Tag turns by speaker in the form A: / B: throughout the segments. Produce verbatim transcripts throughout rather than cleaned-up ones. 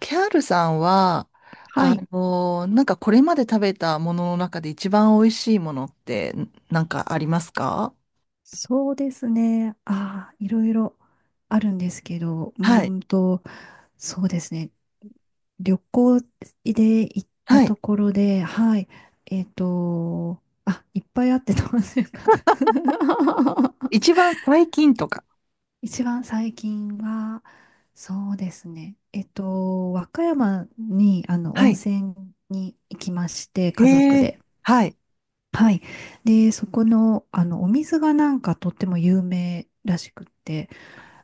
A: キャールさんは、
B: は
A: あ
B: い、
A: のなんかこれまで食べたものの中で一番美味しいものってなんかありますか？
B: そうですね。ああ、いろいろあるんですけど、う
A: は
B: ー
A: い。
B: んと、そうですね。旅行で行った
A: はい。
B: ところで、はい、えっと、あ、いっぱいあってどうするかな。
A: 一番最近とか。
B: 一番最近は、そうですね。えっと、和歌山に、あの、
A: は
B: 温
A: い。
B: 泉に行きまして、家族
A: ええ、
B: で。
A: はい。
B: はい。で、そこの、あの、お水がなんかとっても有名らしくって、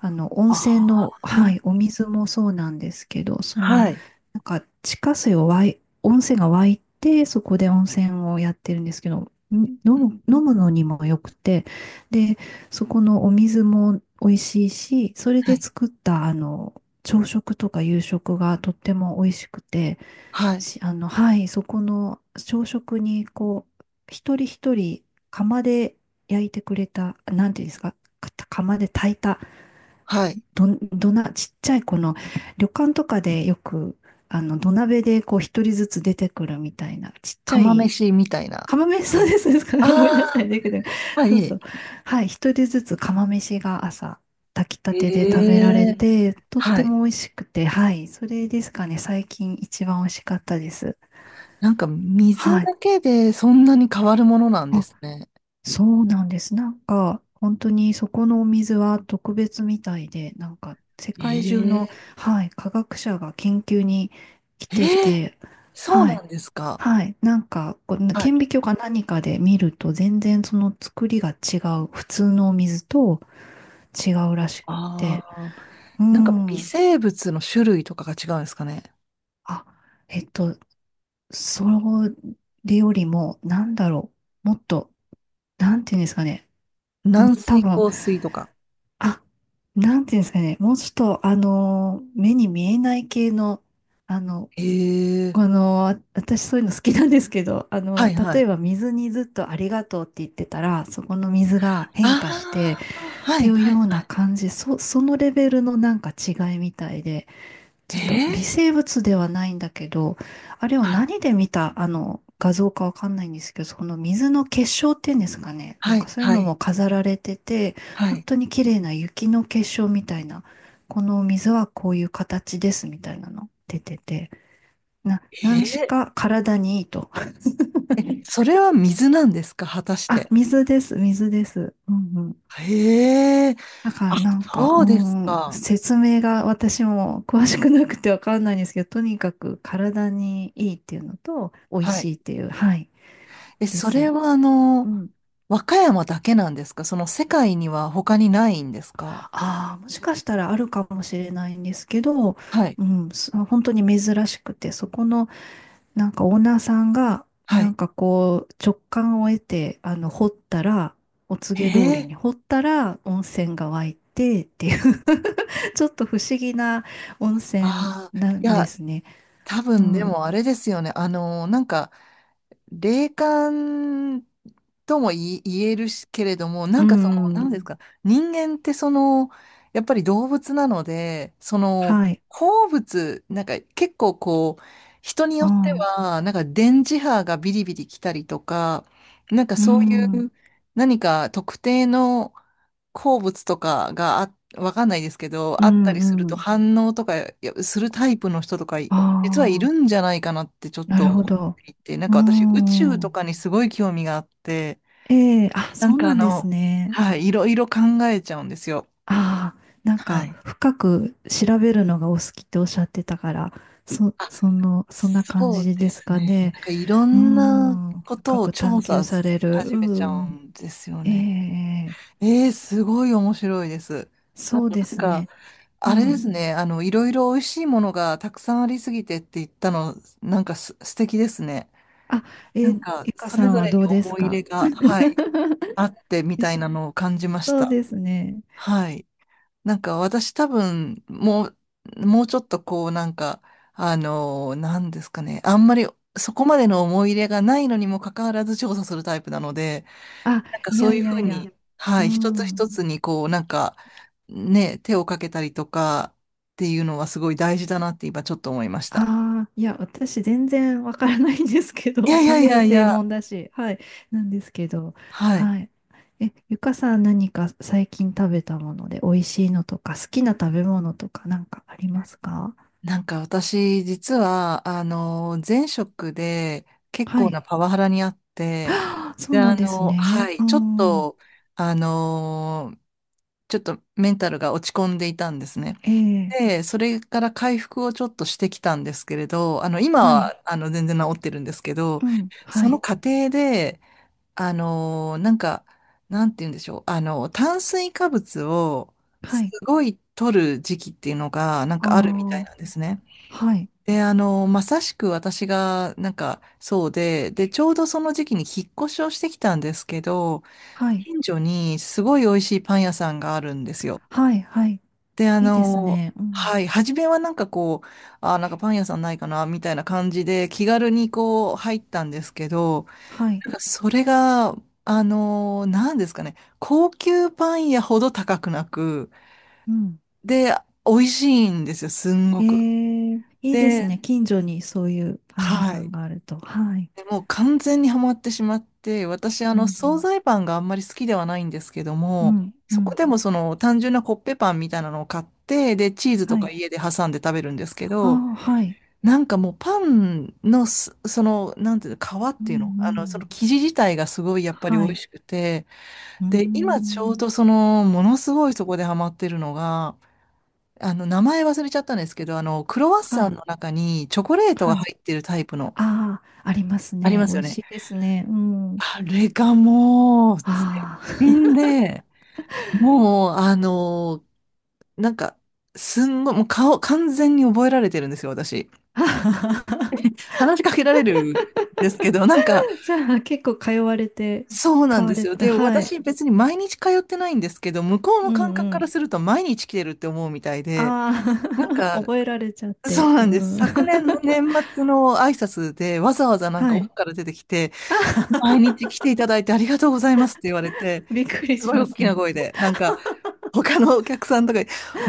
B: あの、温
A: あ
B: 泉
A: ー、
B: の、はい、お水もそうなんですけど、その、
A: はい。
B: なんか、地下水を湧い、温泉が湧いて、そこで温泉をやってるんですけど、ん飲む、飲むのにもよくて、で、そこのお水も美味しいし、それ
A: は
B: で
A: い。
B: 作った、あの、朝食とか夕食がとっても美味しくて、
A: はい。
B: し、あの、はい、そこの朝食に、こう、一人一人釜で焼いてくれた、なんていうんですか、か釜で炊いた、
A: はい。
B: ど、どな、ちっちゃいこの、旅館とかでよく、あの、土鍋でこう、一人ずつ出てくるみたいな、ちっちゃ
A: 釜
B: い、
A: 飯みたいな。
B: 釜飯、そうです、ですから、ごめんなさい、
A: あ
B: だけど、
A: あー、は
B: そうそ
A: い。
B: う。はい、一人ずつ釜飯が朝、炊きたてで
A: え
B: 食べられ
A: え、
B: て、とっ
A: は
B: て
A: い。
B: も美味しくて、はい、それですかね、最近一番美味しかったです。
A: なんか水
B: はい。
A: だけでそんなに変わるものなんで
B: あ、
A: すね。
B: そうなんです。なんか、本当にそこのお水は特別みたいで、なんか、世界中の、
A: ええ、
B: はい、科学者が研究に来て
A: ええ、
B: て、
A: そう
B: は
A: な
B: い、
A: んですか。
B: はい、なんか、こう
A: はい。
B: 顕微鏡か何かで見ると、全然その作りが違う、普通のお水と違うらしくっ
A: あ
B: て、
A: あ、
B: う
A: なんか微
B: ん、
A: 生物の種類とかが違うんですかね。
B: あ、えっと、それよりも、なんだろう、もっと、なんていうんですかね、も
A: 軟
B: う多
A: 水、
B: 分、
A: 硬水とか。
B: あ、なんていうんですかね。もうちょっと、あの目に見えない系の、あの、
A: へえ。
B: この、あ私そういうの好きなんですけど、あ
A: は
B: の、
A: いは
B: 例え
A: い。
B: ば水にずっとありがとうって言ってたら、そこの水が変化して
A: ああ、
B: っ
A: は
B: て
A: い
B: いう
A: はい
B: よう
A: は
B: な感じ、そ、そのレベルのなんか違いみたいで、
A: い。
B: ち
A: え
B: ょっと微
A: ー、
B: 生物ではないんだけど、あれを
A: はい
B: 何で見た、あの、画像かわかんないんですけど、その水の結晶っていうんですかね。な
A: は
B: んか
A: い
B: そういう
A: は
B: の
A: い
B: も飾られてて、
A: は
B: 本
A: い。
B: 当に綺麗な雪の結晶みたいな、この水はこういう形ですみたいなの出てて、な、何し
A: え
B: か体にいいと。
A: ー、え、それは水なんですか、果た し
B: あ、
A: て。
B: 水です、水です。うん。
A: へえ。
B: だから
A: あ、
B: なんか、
A: そ
B: う
A: うです
B: ん、
A: か。
B: 説明が私も詳しくなくてわかんないんですけど、とにかく体にいいっていうのと、美味
A: はい。
B: しいっていう、はい、
A: え、
B: で
A: それ
B: す。
A: はあ
B: う
A: の、
B: ん。
A: 和歌山だけなんですか？その世界には他にないんですか？
B: ああ、もしかしたらあるかもしれないんですけど、
A: はい。
B: うん、す本当に珍しくて、そこのなんかオーナーさんが、
A: は
B: なん
A: い。
B: かこう、直感を得て、あの、掘ったら、お
A: え
B: 告げ通りに
A: え。
B: 掘ったら温泉が湧いてっていう ちょっと不思議な温泉
A: ああ。
B: な
A: い
B: んで
A: や、
B: すね。
A: 多
B: う
A: 分で
B: ん。
A: もあれですよね。あの、なんか、霊感とも言い、言えるしけれども、な
B: う
A: んかその、な
B: ん。
A: んですか、人間ってその、やっぱり動物なので、その、
B: はい。
A: 好物、なんか結構こう、人によって
B: ああ。
A: は、なんか電磁波がビリビリ来たりとか、なんか
B: う
A: そういう
B: ん。う
A: 何か特定の鉱物とかがあ、わかんないですけど、
B: ん。
A: あったりする
B: う
A: と
B: ん。
A: 反応とかいやするタイプの人とか、
B: あ
A: 実はい
B: あ。
A: るんじゃないかなってちょっ
B: な
A: と
B: るほ
A: 思
B: ど。
A: っていて、なん
B: う
A: か私宇宙と
B: ん。
A: かにすごい興味があって、
B: ええ、あ、
A: なん
B: そう
A: かあ
B: なんです
A: の、
B: ね。
A: はい、いろいろ考えちゃうんですよ。
B: ああ。なん
A: は
B: か、
A: い。
B: 深く調べるのがお好きっておっしゃってたから、そ、その、そんな感
A: そう
B: じ
A: で
B: です
A: す
B: か
A: ね。なん
B: ね。
A: かいろ
B: う
A: んな
B: ん。
A: こ
B: 深
A: とを
B: く
A: 調
B: 探求
A: 査し
B: される。
A: 始めち
B: う
A: ゃう
B: ん。
A: んですよ
B: え
A: ね。
B: え、
A: えー、すごい面白いです。あ
B: そう
A: と
B: で
A: なん
B: す
A: か、
B: ね。う
A: あれで
B: ん。
A: すね。あの、いろいろ美味しいものがたくさんありすぎてって言ったの、なんかす、素敵ですね。
B: あ、
A: な
B: え
A: ん
B: ー、
A: か、
B: ゆか
A: そ
B: さ
A: れ
B: ん
A: ぞ
B: は
A: れ
B: ど
A: に
B: うです
A: 思い入
B: か？
A: れが、はい、あってみ
B: よ
A: たい
B: し
A: なのを感じまし
B: そう
A: た。
B: ですね。
A: はい。なんか私多分、もう、もうちょっとこうなんか、あのなんですかね。あんまりそこまでの思い入れがないのにもかかわらず調査するタイプなので、
B: あ、
A: なんか
B: い
A: そ
B: や
A: うい
B: い
A: う
B: や
A: ふう
B: いや。
A: に、うん、は
B: う
A: い、一つ
B: ん。
A: 一つにこうなんか、ね、手をかけたりとかっていうのはすごい大事だなって今ちょっと思いました。
B: ああ、いや、私全然わからないんですけど、
A: い やい
B: 食
A: やい
B: べる
A: やい
B: 専
A: や、
B: 門だし、はい、なんですけど、
A: はい。
B: はい。え、ゆかさん何か最近食べたもので美味しいのとか、好きな食べ物とかなんかありますか？
A: なんか私、実は、あの、前職で結
B: は
A: 構な
B: い。
A: パワハラにあって、
B: あーそ
A: で、
B: うな
A: あ
B: んです
A: の、は
B: ね。
A: い、
B: う
A: ちょっ
B: ん。
A: と、あの、ちょっとメンタルが落ち込んでいたんですね。
B: ええ、
A: で、それから回復をちょっとしてきたんですけれど、あの、今
B: はい。
A: は、あの、全然治ってるんですけど、
B: うん、は
A: その
B: い。
A: 過程で、あの、なんか、なんて言うんでしょう、あの、炭水化物を
B: は
A: す
B: い。
A: ごい取る時期っていうのが、なん
B: あ
A: かあるみたい
B: あ、
A: なんですね。
B: はい。
A: で、あの、まさしく私が、なんか、そうで、で、ちょうどその時期に引っ越しをしてきたんですけど、
B: はい。
A: 近所にすごい美味しいパン屋さんがあるんですよ。
B: はい、はい。
A: で、あ
B: いいです
A: の、
B: ね。うん。
A: はい、初めはなんかこう、あ、なんかパン屋さんないかな、みたいな感じで、気軽にこう、入ったんですけど、
B: はい。
A: なんかそれが、あの、なんですかね、高級パン屋ほど高くなく、
B: うん。
A: で、美味しいんですよ、すんご
B: え
A: く。
B: え。いいです
A: で、
B: ね。近所にそういうパン屋
A: は
B: さん
A: い。
B: があると。はい。
A: でもう完全にハマってしまって、私、あ
B: う
A: の、惣
B: ん、
A: 菜パンがあんまり好きではないんですけど
B: う
A: も、
B: ん、う
A: そこ
B: ん。
A: でもその単純なコッペパンみたいなのを買って、で、チーズと
B: は
A: か
B: い。
A: 家で挟んで食べるんですけ
B: あ
A: ど、
B: あ、はい。
A: なんかもうパンのす、その、なんていうの、皮っ
B: う
A: ていうの
B: ん、う
A: あの、その
B: ん。
A: 生地自体がすごいやっぱり美
B: は
A: 味
B: い。
A: しくて、
B: うー
A: で、今ちょう
B: ん。
A: どその、ものすごいそこでハマってるのが、あの、名前忘れちゃったんですけど、あの、クロワッ
B: は
A: サン
B: い。
A: の中にチョコレート
B: は
A: が
B: い。
A: 入ってるタイプの、
B: ああ、あります
A: あり
B: ね。
A: ま
B: 美
A: すよ
B: 味し
A: ね。
B: いですね。うん。
A: あれがもう、絶
B: あ
A: 品で、もう、あのーなんか、すんごい、もう顔、完全に覚えられてるんですよ、私。
B: あ。
A: 話しかけられるんですけど、なんか、
B: じゃあ、結構通われて、
A: そうな
B: 買
A: ん
B: わ
A: です
B: れ
A: よ。
B: た。
A: で、
B: はい。
A: 私、別に毎日通ってないんですけど、向こう
B: う
A: の感覚
B: んう
A: から
B: ん。
A: すると、毎日来てるって思うみたいで、
B: あ
A: なん
B: あ、
A: か、
B: 覚えられちゃっ
A: そ
B: て。
A: うな
B: う
A: んです。
B: ん。
A: 昨年の年末の挨拶で、わざわざ なんか
B: は
A: 奥
B: い。
A: から出てきて、毎
B: あ、
A: 日来ていただいてありがとうございますって言われて、
B: びっくり
A: す
B: し
A: ごい
B: ま
A: 大
B: す
A: き
B: ね。
A: な声で、なんか、他のお客さんとかに、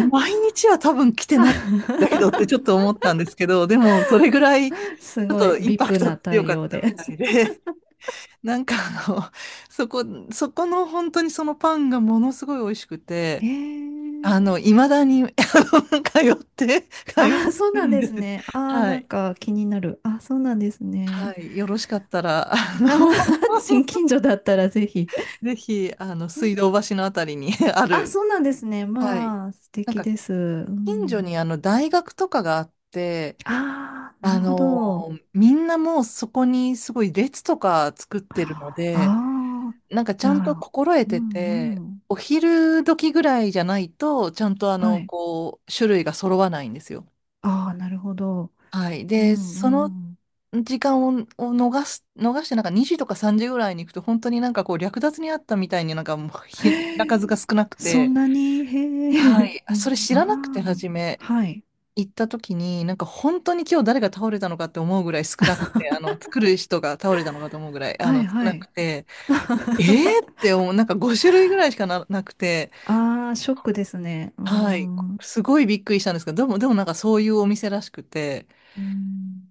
A: 毎日は多分来てないんだけどってちょっと 思ったんですけど、でもそれぐらいち
B: す
A: ょっ
B: ごい、
A: とインパ
B: ブイアイピー
A: クト
B: な
A: 強か
B: 対
A: っ
B: 応
A: た
B: で。
A: みたいで、なんかあの、そこ、そこの本当にそのパンがものすごい美味しく
B: え
A: て、
B: ー、
A: あの、いまだに、あの、通って、通っ
B: あーそう
A: てる
B: なん
A: ん
B: で
A: で
B: す
A: す。
B: ね。あー
A: は
B: なん
A: い。
B: か気になる。あーそうなんです
A: は
B: ね。
A: い。よろしかったら、あの、
B: あ ー、 近所だったらぜひ。
A: ぜひ、あの、水道橋のあたりに あ
B: あ、
A: る、
B: そうなんですね。
A: はい。
B: まあ、素
A: なん
B: 敵
A: か、
B: です。う
A: 近所
B: ん。
A: にあの、大学とかがあって、
B: ああ、な
A: あ
B: るほ
A: の
B: ど。
A: ーみんなもうそこにすごい列とか作ってるの
B: あ
A: で、
B: あ、
A: なんかち
B: じ
A: ゃ
B: ゃ
A: んと
B: あ、
A: 心得
B: う
A: て
B: ん
A: て、
B: うん。
A: お昼時ぐらいじゃないと、ちゃんとあ
B: は
A: の、
B: い。
A: こう、種類が揃わないんですよ。
B: ああ、なるほど。
A: はい。
B: う
A: で、その
B: んうん。
A: 時間を、を逃す、逃して、なんかにじとかさんじぐらいに行くと、本当になんかこう、略奪にあったみたいになんかもうひ、品
B: へえ、
A: 数が少なく
B: そん
A: て、
B: なに、へ
A: は
B: え。
A: い。
B: う
A: そ
B: ん、
A: れ知らなくて、
B: あ
A: 初
B: あ、
A: め。
B: はい。
A: 行った時に、なんか本当に今日誰が倒れたのかって思うぐらい少なくて、あの、作る人が倒れたのかと思うぐらい、あ
B: は
A: の、
B: い
A: 少
B: は
A: なく
B: い。
A: て、えーって思う、なんか5種類ぐらいしかな、なくて、
B: ああ、ショックですね。うー
A: はい、
B: ん。う
A: すごいびっくりしたんですけど、でも、でもなんかそういうお店らしくて、
B: ーん。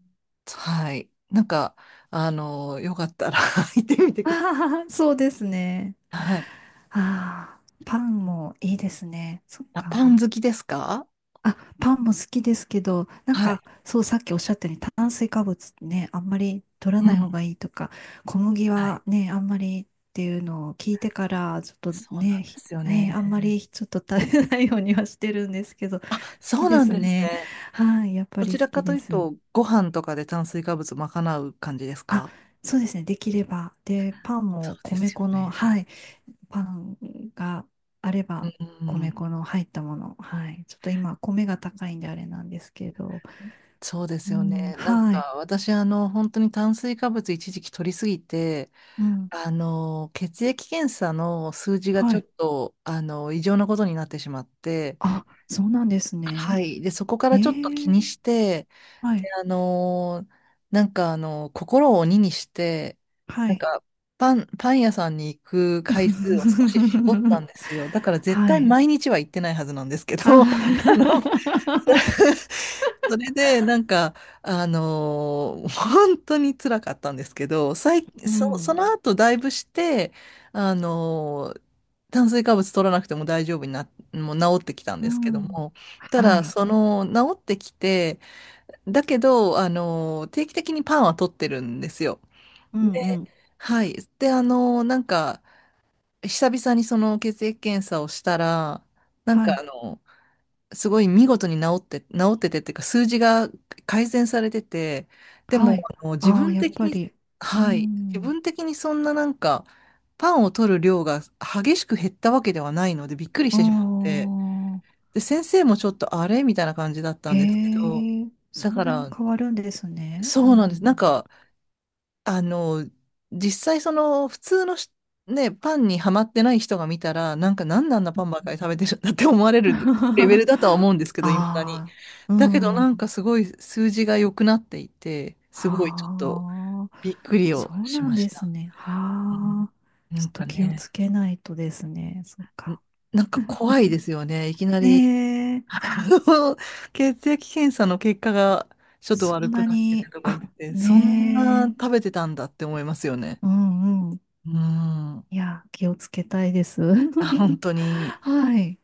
A: はい、なんか、あの、よかったら 行ってみて ください。
B: ああ、そうですね。
A: はい。
B: ああ、パンもいいですね。そっ
A: あ、
B: か。
A: パン好きですか？
B: あ、パンも好きですけど、なん
A: はい。
B: か、そう、さっきおっしゃったように炭水化物ね、あんまり取ら
A: う
B: ない方
A: ん。
B: がいいとか、小麦
A: は
B: は
A: い。
B: ね、あんまりっていうのを聞いてから、ちょっと
A: そうな
B: ね、
A: んで
B: ひ
A: すよ
B: ねあんま
A: ね。
B: りちょっと食べないようにはしてるんですけど、好
A: そ
B: き
A: う
B: で
A: なん
B: す
A: です
B: ね。
A: ね。
B: はい、やっぱ
A: どち
B: り
A: ら
B: 好
A: か
B: き
A: と
B: で
A: いう
B: す。
A: と、ご飯とかで炭水化物賄う感じです
B: あ、
A: か？
B: そうですね。できれば。で、パン
A: そ
B: も
A: うで
B: 米
A: すよ
B: 粉の、
A: ね。
B: はい。パンがあれ
A: う
B: ば、米
A: ん、
B: 粉の入ったもの。はい。ちょっと今、米が高いんであれなんですけど。
A: そうです
B: う
A: よ
B: ん、
A: ね。なん
B: はい。
A: か私、あの、本当に炭水化物一時期取りすぎて、
B: うん、
A: あの、血液検査の数字が
B: は
A: ちょっ
B: い。
A: と、あの、異常なことになってしまって、
B: あ、そうなんです
A: は
B: ね。
A: い。で、そこか
B: え
A: らちょっと気
B: ー、
A: にして、
B: は
A: で、
B: い。
A: あのーなんかあの心を鬼にして、
B: は
A: なん
B: い。
A: か、パン、パン屋さんに行く回数を少し絞ったん ですよ。だから絶
B: は
A: 対
B: い。
A: 毎日は行ってないはずなんですけ
B: は
A: ど、あ の、それで、なんか、あのー本当に辛かったんですけど、最、
B: う
A: そ、そ
B: ん、
A: の後だいぶして、あの炭水化物取らなくても大丈夫にな、もう治ってきたん
B: う
A: ですけど
B: ん。
A: も、た
B: は
A: だ、
B: い。
A: その、治ってきて、だけど、あの、定期的にパンは取ってるんですよ。
B: うん、うん。
A: はい。で、あの、なんか、久々にその血液検査をしたら、なん
B: は
A: か
B: い。
A: あの、すごい見事に治って、治っててっていうか、数字が改善されてて、で
B: は
A: も、
B: い。
A: あの、自
B: ああ、
A: 分
B: やっ
A: 的
B: ぱ
A: に、
B: り。う
A: はい。自
B: ん。
A: 分的にそんななんか、パンを取る量が激しく減ったわけではないので、びっくりし
B: あ
A: てしまって、
B: あ、
A: で、先生もちょっとあれみたいな感じだった
B: へ
A: んですけど、
B: え、
A: だ
B: そん
A: か
B: なに
A: ら、
B: 変わるんですね。
A: そ
B: う
A: うなんです。なん
B: ん、
A: か、あの、実際その普通のしね、パンにはまってない人が見たら、なんかなんであんなパンばっかり食べてるんだって思われるレベル だとは思うんですけど、いまだに。
B: ああ、う
A: だけどな
B: ん。
A: んかすごい数字が良くなっていて、すごいちょっと
B: は
A: びっ
B: あ、
A: くり
B: そ
A: を
B: う
A: し
B: なん
A: まし
B: です
A: た。
B: ね。
A: うん、
B: はあ、
A: な
B: ちょ
A: ん
B: っと
A: か
B: 気をつ
A: ね、
B: けないとですね。そっ
A: ん、
B: か。
A: なんか怖いですよね。いきな
B: ね
A: り
B: え、
A: あの血液検査の結果がちょっと
B: そ
A: 悪
B: ん
A: く
B: な
A: なってて
B: に、
A: とか言
B: あ、
A: って、そんな
B: ね
A: 食べ
B: え、
A: てたんだって思いますよね。
B: うんうん。
A: うん。
B: いや、気をつけたいです。
A: あ、本当に、
B: はい。